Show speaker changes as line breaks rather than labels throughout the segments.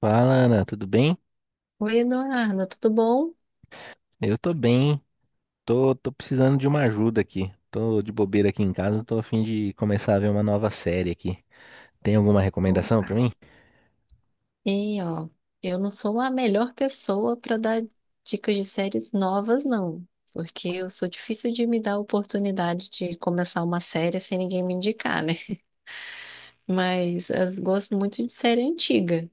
Fala, Ana, tudo bem?
Oi, Eduardo, tudo bom?
Eu tô bem. Tô precisando de uma ajuda aqui. Tô de bobeira aqui em casa, tô a fim de começar a ver uma nova série aqui. Tem alguma recomendação pra
Opa.
mim?
E ó, eu não sou a melhor pessoa para dar dicas de séries novas, não, porque eu sou difícil de me dar a oportunidade de começar uma série sem ninguém me indicar, né? Mas eu gosto muito de série antiga.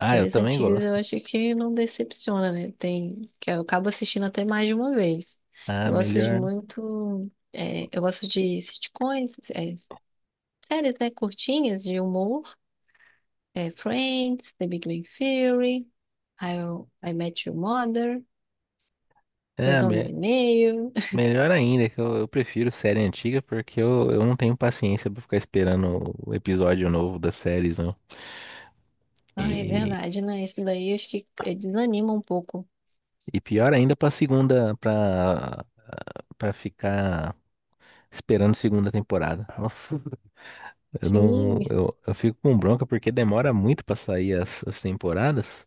Ah, eu também
antigas
gosto.
eu acho que não decepciona, né? Tem que eu acabo assistindo até mais de uma vez.
Ah,
Eu gosto de
melhor.
muito, eu gosto de sitcoms, séries, né, curtinhas de humor. É, Friends, The Big Bang Theory, How I Met Your Mother,
É,
Dois
me-
Homens e Meio.
Melhor ainda, que eu prefiro série antiga porque eu não tenho paciência pra ficar esperando o episódio novo das séries, não.
Ah, é
E,
verdade, né? Isso daí acho que desanima um pouco.
e pior ainda pra segunda, pra ficar esperando segunda temporada. Nossa. Eu não,
Sim,
eu fico com bronca porque demora muito pra sair as temporadas.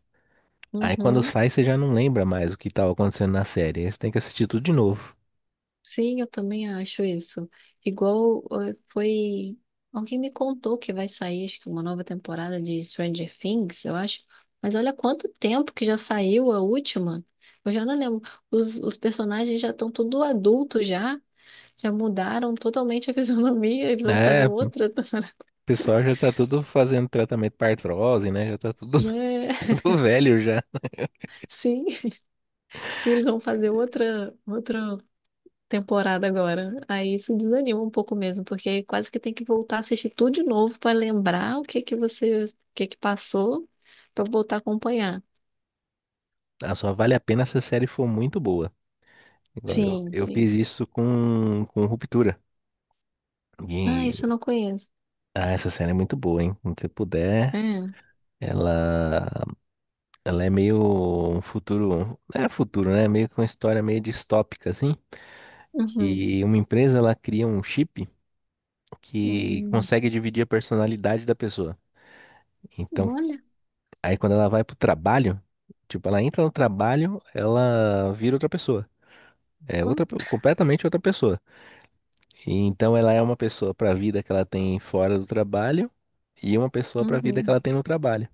Aí quando
uhum.
sai, você já não lembra mais o que tava acontecendo na série. Aí você tem que assistir tudo de novo.
Sim, eu também acho isso. Igual foi. Alguém me contou que vai sair, acho que uma nova temporada de Stranger Things, eu acho. Mas olha quanto tempo que já saiu a última. Eu já não lembro. Os personagens já estão tudo adultos já. Já mudaram totalmente a fisionomia, eles vão fazer
É, o
outra.
pessoal já tá tudo fazendo tratamento pra artrose, né? Já tá tudo,
É,
tudo velho já.
sim, e eles vão fazer outra, outra temporada agora. Aí isso desanima um pouco mesmo, porque quase que tem que voltar a assistir tudo de novo para lembrar o que que você, o que que passou, para voltar a acompanhar.
Ah, só vale a pena se a série for muito boa. Igual eu,
Sim, sim.
fiz isso com Ruptura.
Ah, isso
E,
eu não conheço.
ah, essa série é muito boa, hein? Quando você puder,
É.
ela, ela é meio um futuro. É futuro, né? Meio que uma história meio distópica, assim.
Uhum.
Que uma empresa ela cria um chip que
Hum.
consegue dividir a personalidade da pessoa. Então,
Olha.
aí quando ela vai pro trabalho, tipo, ela entra no trabalho, ela vira outra pessoa. É outra, completamente outra pessoa. E então, ela é uma pessoa para a vida que ela tem fora do trabalho e uma pessoa para a vida que
Uhum.
ela tem no trabalho.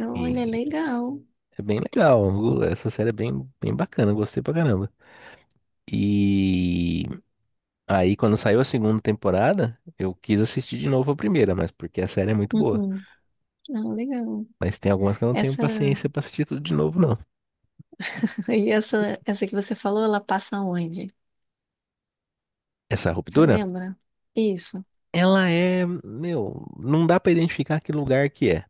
Olha,
E
legal.
é bem legal. Essa série é bem, bem bacana, eu gostei pra caramba. E aí, quando saiu a segunda temporada, eu quis assistir de novo a primeira, mas porque a série é muito boa.
Uhum. Ah, legal.
Mas tem algumas que eu não tenho
Essa.
paciência pra assistir tudo de novo, não.
E essa que você falou, ela passa onde?
Essa
Você
Ruptura,
lembra? Isso.
meu, não dá pra identificar que lugar que é.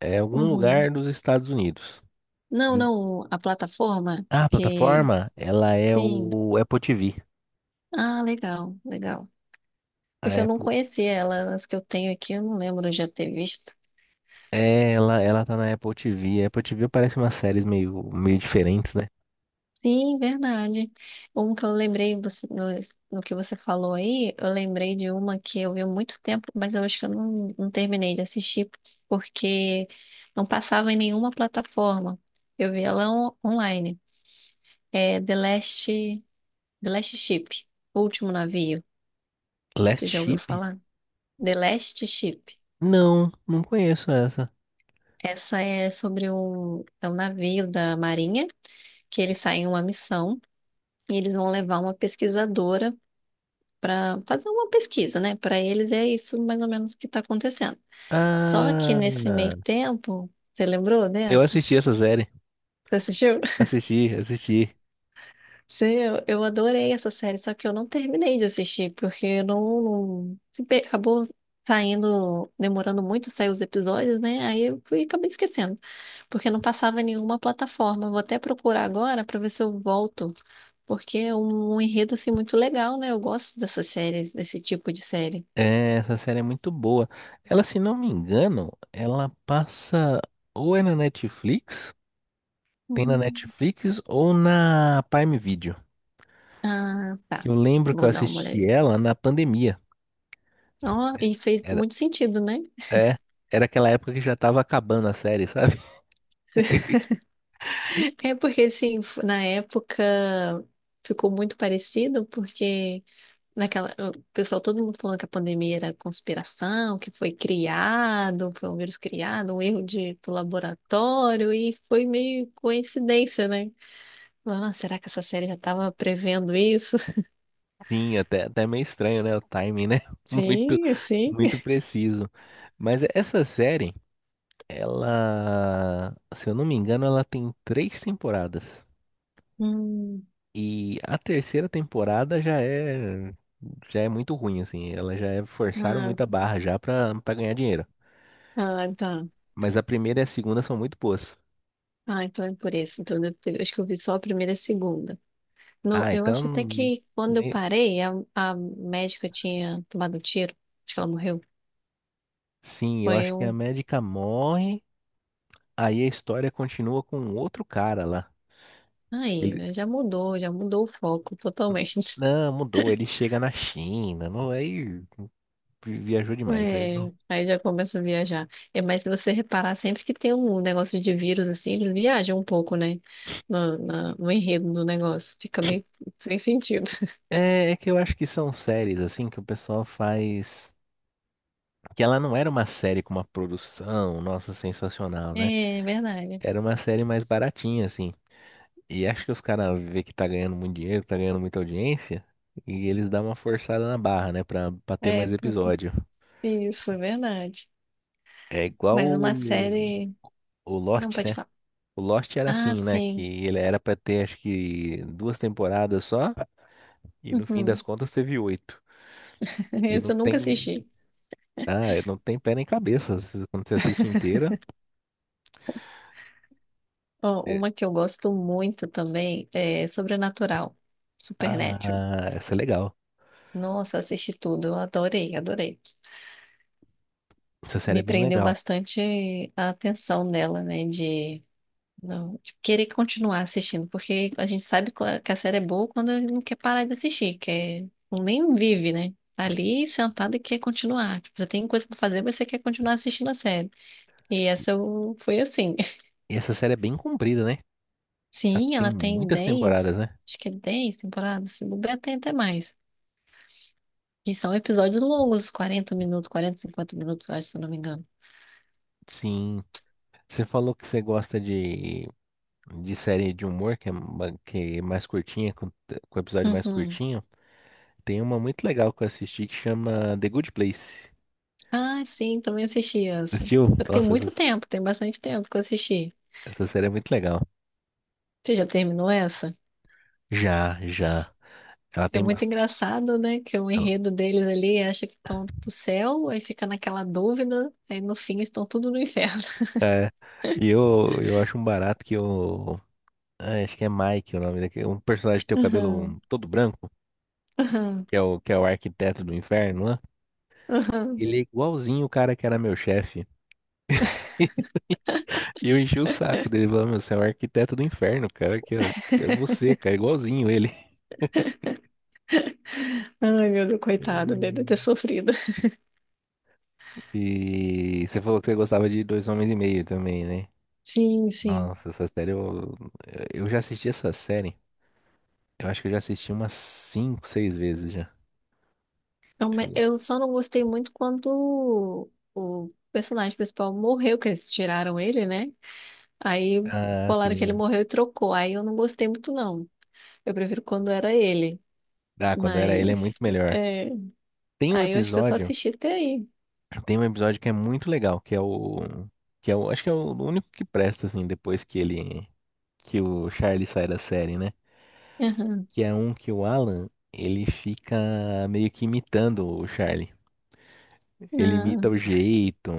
É algum
Uhum.
lugar dos Estados Unidos.
Não,
E
não, a plataforma
a
que.
plataforma, ela é
Sim.
o Apple TV.
Ah, legal, legal.
A
Porque eu não
Apple,
conhecia ela, as que eu tenho aqui, eu não lembro de já ter visto.
é, ela tá na Apple TV. A Apple TV parece umas séries meio, meio diferentes, né?
Sim, verdade. Um que eu lembrei, no, no que você falou aí, eu lembrei de uma que eu vi há muito tempo, mas eu acho que eu não terminei de assistir, porque não passava em nenhuma plataforma. Eu vi ela online. É The Last Ship, O Último Navio.
Last
Você já ouviu
Ship?
falar? The Last Ship.
Não, não conheço essa.
Essa é sobre é um navio da Marinha que eles saem em uma missão e eles vão levar uma pesquisadora para fazer uma pesquisa, né? Para eles é isso mais ou menos que está acontecendo. Só que
Ah,
nesse meio tempo, você lembrou
eu
dessa?
assisti essa série.
Você assistiu?
Assisti, assisti.
Sim, eu adorei essa série, só que eu não terminei de assistir, porque eu não, não- se pe- acabou saindo, demorando muito a sair os episódios, né? Aí eu fui, acabei esquecendo, porque não passava em nenhuma plataforma. Eu vou até procurar agora para ver se eu volto, porque é um enredo assim muito legal, né? Eu gosto dessas séries, desse tipo de série.
É, essa série é muito boa. Ela, se não me engano, ela passa ou é na Netflix, tem na
Hum.
Netflix ou na Prime Video.
Ah,
Que
tá.
eu lembro que
Vou
eu
dar uma
assisti
olhada.
ela na pandemia.
Ó, e fez
Era,
muito sentido, né?
é, era aquela época que já tava acabando a série, sabe?
É porque, assim, na época ficou muito parecido, porque naquela, o pessoal, todo mundo falando que a pandemia era conspiração, que foi criado, foi um vírus criado, um erro de, do laboratório, e foi meio coincidência, né? Falando, "Ah, será que essa série já estava prevendo isso?
Sim, até meio estranho, né? O timing, né? Muito,
Sim, sim.
muito preciso. Mas essa série, ela, se eu não me engano, ela tem três temporadas.
Hum,
E a terceira temporada já é muito ruim assim, ela já é forçaram
ah,
muita barra já pra para ganhar dinheiro.
ah, tá.
Mas a primeira e a segunda são muito boas.
Ah, então é por isso. Então, deve acho que eu vi só a primeira e a segunda. No,
Ah,
eu acho até
então
que quando eu
né,
parei, a médica tinha tomado um tiro. Acho que ela morreu.
sim, eu
Foi
acho que a
um.
médica morre, aí a história continua com outro cara lá.
Aí,
Ele
né, já mudou o foco totalmente.
não mudou, ele chega na China, não aí viajou demais aí. Não.
É, aí já começa a viajar. É, mas se você reparar, sempre que tem um negócio de vírus assim, eles viajam um pouco, né? No enredo do negócio. Fica meio sem sentido.
É, é que eu acho que são séries assim que o pessoal faz que ela não era uma série com uma produção, nossa, sensacional, né?
É, verdade.
Era uma série mais baratinha, assim. E acho que os caras vê que tá ganhando muito dinheiro, tá ganhando muita audiência, e eles dão uma forçada na barra, né? Pra ter
É,
mais
porque...
episódio.
Isso, é verdade.
É igual
Mas uma série.
o
Não
Lost,
pode
né?
falar.
O Lost era
Ah,
assim, né? Que
sim.
ele era pra ter, acho que, duas temporadas só, e no fim
Uhum.
das contas teve oito. E não
Essa eu nunca
tem.
assisti.
Ah, não tem pé nem cabeça. Quando você assiste inteira.
Ó,
É.
uma que eu gosto muito também é Sobrenatural. Supernatural.
Ah, essa é legal.
Nossa, assisti tudo, eu adorei, adorei.
Essa série é
Me
bem
prendeu
legal.
bastante a atenção dela, né? De, não, de querer continuar assistindo, porque a gente sabe que a série é boa quando não quer parar de assistir, quer, nem vive, né? Tá ali sentada e quer continuar. Tipo, você tem coisa pra fazer, mas você quer continuar assistindo a série. E foi assim.
E essa série é bem comprida, né? Ela
Sim,
tem
ela tem
muitas temporadas,
10,
né?
acho que é 10 temporadas, se bobear tem até mais. E são episódios longos, 40 minutos, 40, 50 minutos, eu acho, se eu não me engano.
Sim, você falou que você gosta de série de humor, que é, que é mais curtinha, com episódio mais
Uhum.
curtinho. Tem uma muito legal que eu assisti que chama The Good Place.
Ah, sim, também assisti essa.
Assistiu?
Só que tem
Nossa,
muito tempo, tem bastante tempo que eu assisti.
essa série é muito legal.
Você já terminou essa?
Já, já. Ela
É
tem
muito
bastante.
engraçado, né? Que o enredo deles ali acha que estão pro céu, aí fica naquela dúvida, aí no fim estão tudo no inferno.
É, e eu acho um barato que o. Ah, acho que é Mike o nome daquele. Um personagem que tem o cabelo
Aham,
todo branco,
aham,
que é que é o arquiteto do inferno, né?
aham.
Ele é igualzinho o cara que era meu chefe. E eu enchi o saco dele, falando, meu, você é o arquiteto do inferno, cara, que ó, é você, cara, igualzinho ele.
Ai, meu Deus, coitado, deve ter
Hum.
sofrido.
E você falou que você gostava de Dois Homens e Meio também, né?
Sim, sim.
Nossa, essa série eu já assisti essa série. Eu acho que eu já assisti umas cinco, seis vezes já. Tipo,
Eu só não gostei muito quando o personagem principal morreu, que eles tiraram ele, né? Aí
ah,
falaram que ele
sim.
morreu e trocou. Aí eu não gostei muito, não. Eu prefiro quando era ele,
Ah, quando era ele é
mas
muito melhor.
é,
Tem um
aí eu acho que eu só
episódio,
assisti até aí.
tem um episódio que é muito legal, que é o, acho que é o único que presta assim depois que ele que o Charlie sai da série, né?
Aham.
Que é um que o Alan, ele fica meio que imitando o Charlie. Ele
Ah,
imita o jeito.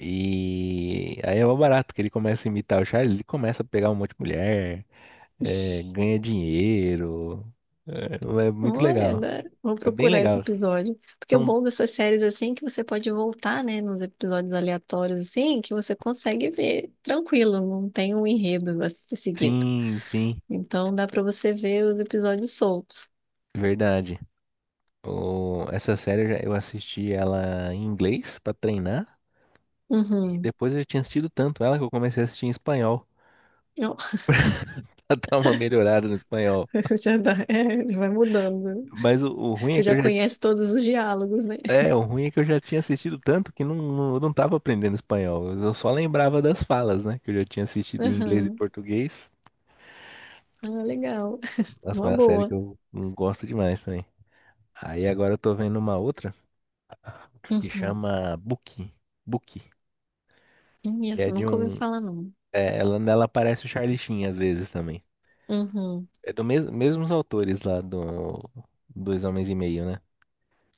E aí é o barato que ele começa a imitar o Charlie, ele começa a pegar um monte de mulher, é, ganha dinheiro. É, é muito
olha,
legal.
agora vou
É bem
procurar esse
legal.
episódio. Porque o
São,
bom dessas séries assim é que você pode voltar, né, nos episódios aleatórios assim, que você consegue ver tranquilo, não tem um enredo a ser seguido.
sim, sim,
Então dá pra você ver os episódios soltos.
verdade. O, essa série eu assisti ela em inglês pra treinar. E
Uhum.
depois eu já tinha assistido tanto ela que eu comecei a assistir em espanhol.
Ó.
Pra dar uma melhorada no espanhol.
Já dá, é, vai mudando, né?
Mas o ruim é
Você
que eu
já
já...
conhece todos os diálogos, né?
É, o ruim é que eu já tinha assistido tanto que não, eu não tava aprendendo espanhol. Eu só lembrava das falas, né? Que eu já tinha assistido em inglês e
Aham.
português.
Ah, legal.
Nossa,
Uma
mas é uma série que
boa.
eu não gosto demais também. Aí agora eu tô vendo uma outra que
Uhum.
chama Buki. Buki. Que é
Isso,
de
nunca ouvi
um.
falar, não.
É, ela, nela aparece o Charlie Sheen às vezes também.
Uhum.
É do mesmos autores lá do Dois Homens e Meio, né?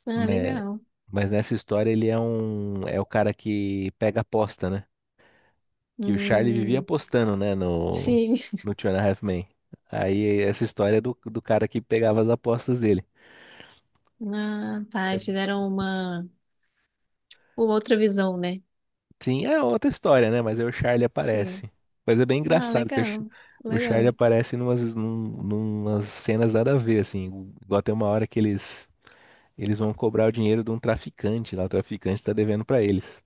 Ah,
Mas,
legal.
mas nessa história ele é um. É o cara que pega aposta, né? Que o Charlie vivia
Hum,
apostando, né,
sim.
no Two and a Half Men. Aí essa história do cara que pegava as apostas dele.
Ah, tá.
É,
E fizeram uma outra visão, né?
sim, é outra história, né? Mas aí o Charlie
Sim.
aparece. Mas é bem
Ah,
engraçado que o,
legal.
o Charlie
Legal.
aparece numas, numas cenas nada a ver, assim. Igual tem uma hora que eles vão cobrar o dinheiro de um traficante lá. O traficante tá devendo pra eles.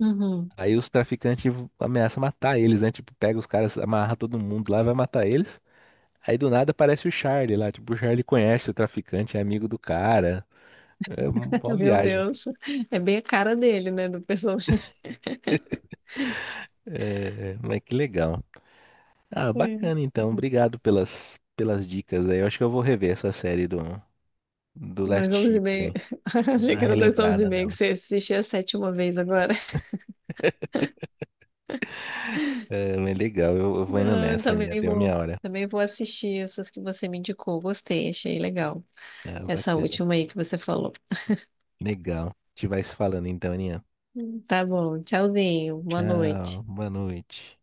Uhum.
Aí os traficantes ameaçam matar eles, né? Tipo, pega os caras, amarra todo mundo lá, vai matar eles. Aí do nada aparece o Charlie lá. Tipo, o Charlie conhece o traficante, é amigo do cara. É uma boa
Meu
viagem.
Deus. É bem a cara dele, né? Do personagem.
É, mas que legal. Ah, bacana então.
É.
Obrigado pelas, pelas dicas aí. Eu acho que eu vou rever essa série do
Dois
Last
homens e
Ship,
meio.
hein? Vou dar
Achei
uma
que era dois homens e
relembrada
meio que
nela.
você assistia a sétima vez agora.
É, mas legal, eu vou indo
Não, eu
nessa, Aninha.
também
Deu
vou.
minha hora.
Também vou assistir essas que você me indicou. Gostei, achei legal.
Ah,
Essa
bacana.
última aí que você falou.
Legal. A gente vai se falando então, Aninha.
Tá bom, tchauzinho, boa
Tchau,
noite.
boa noite.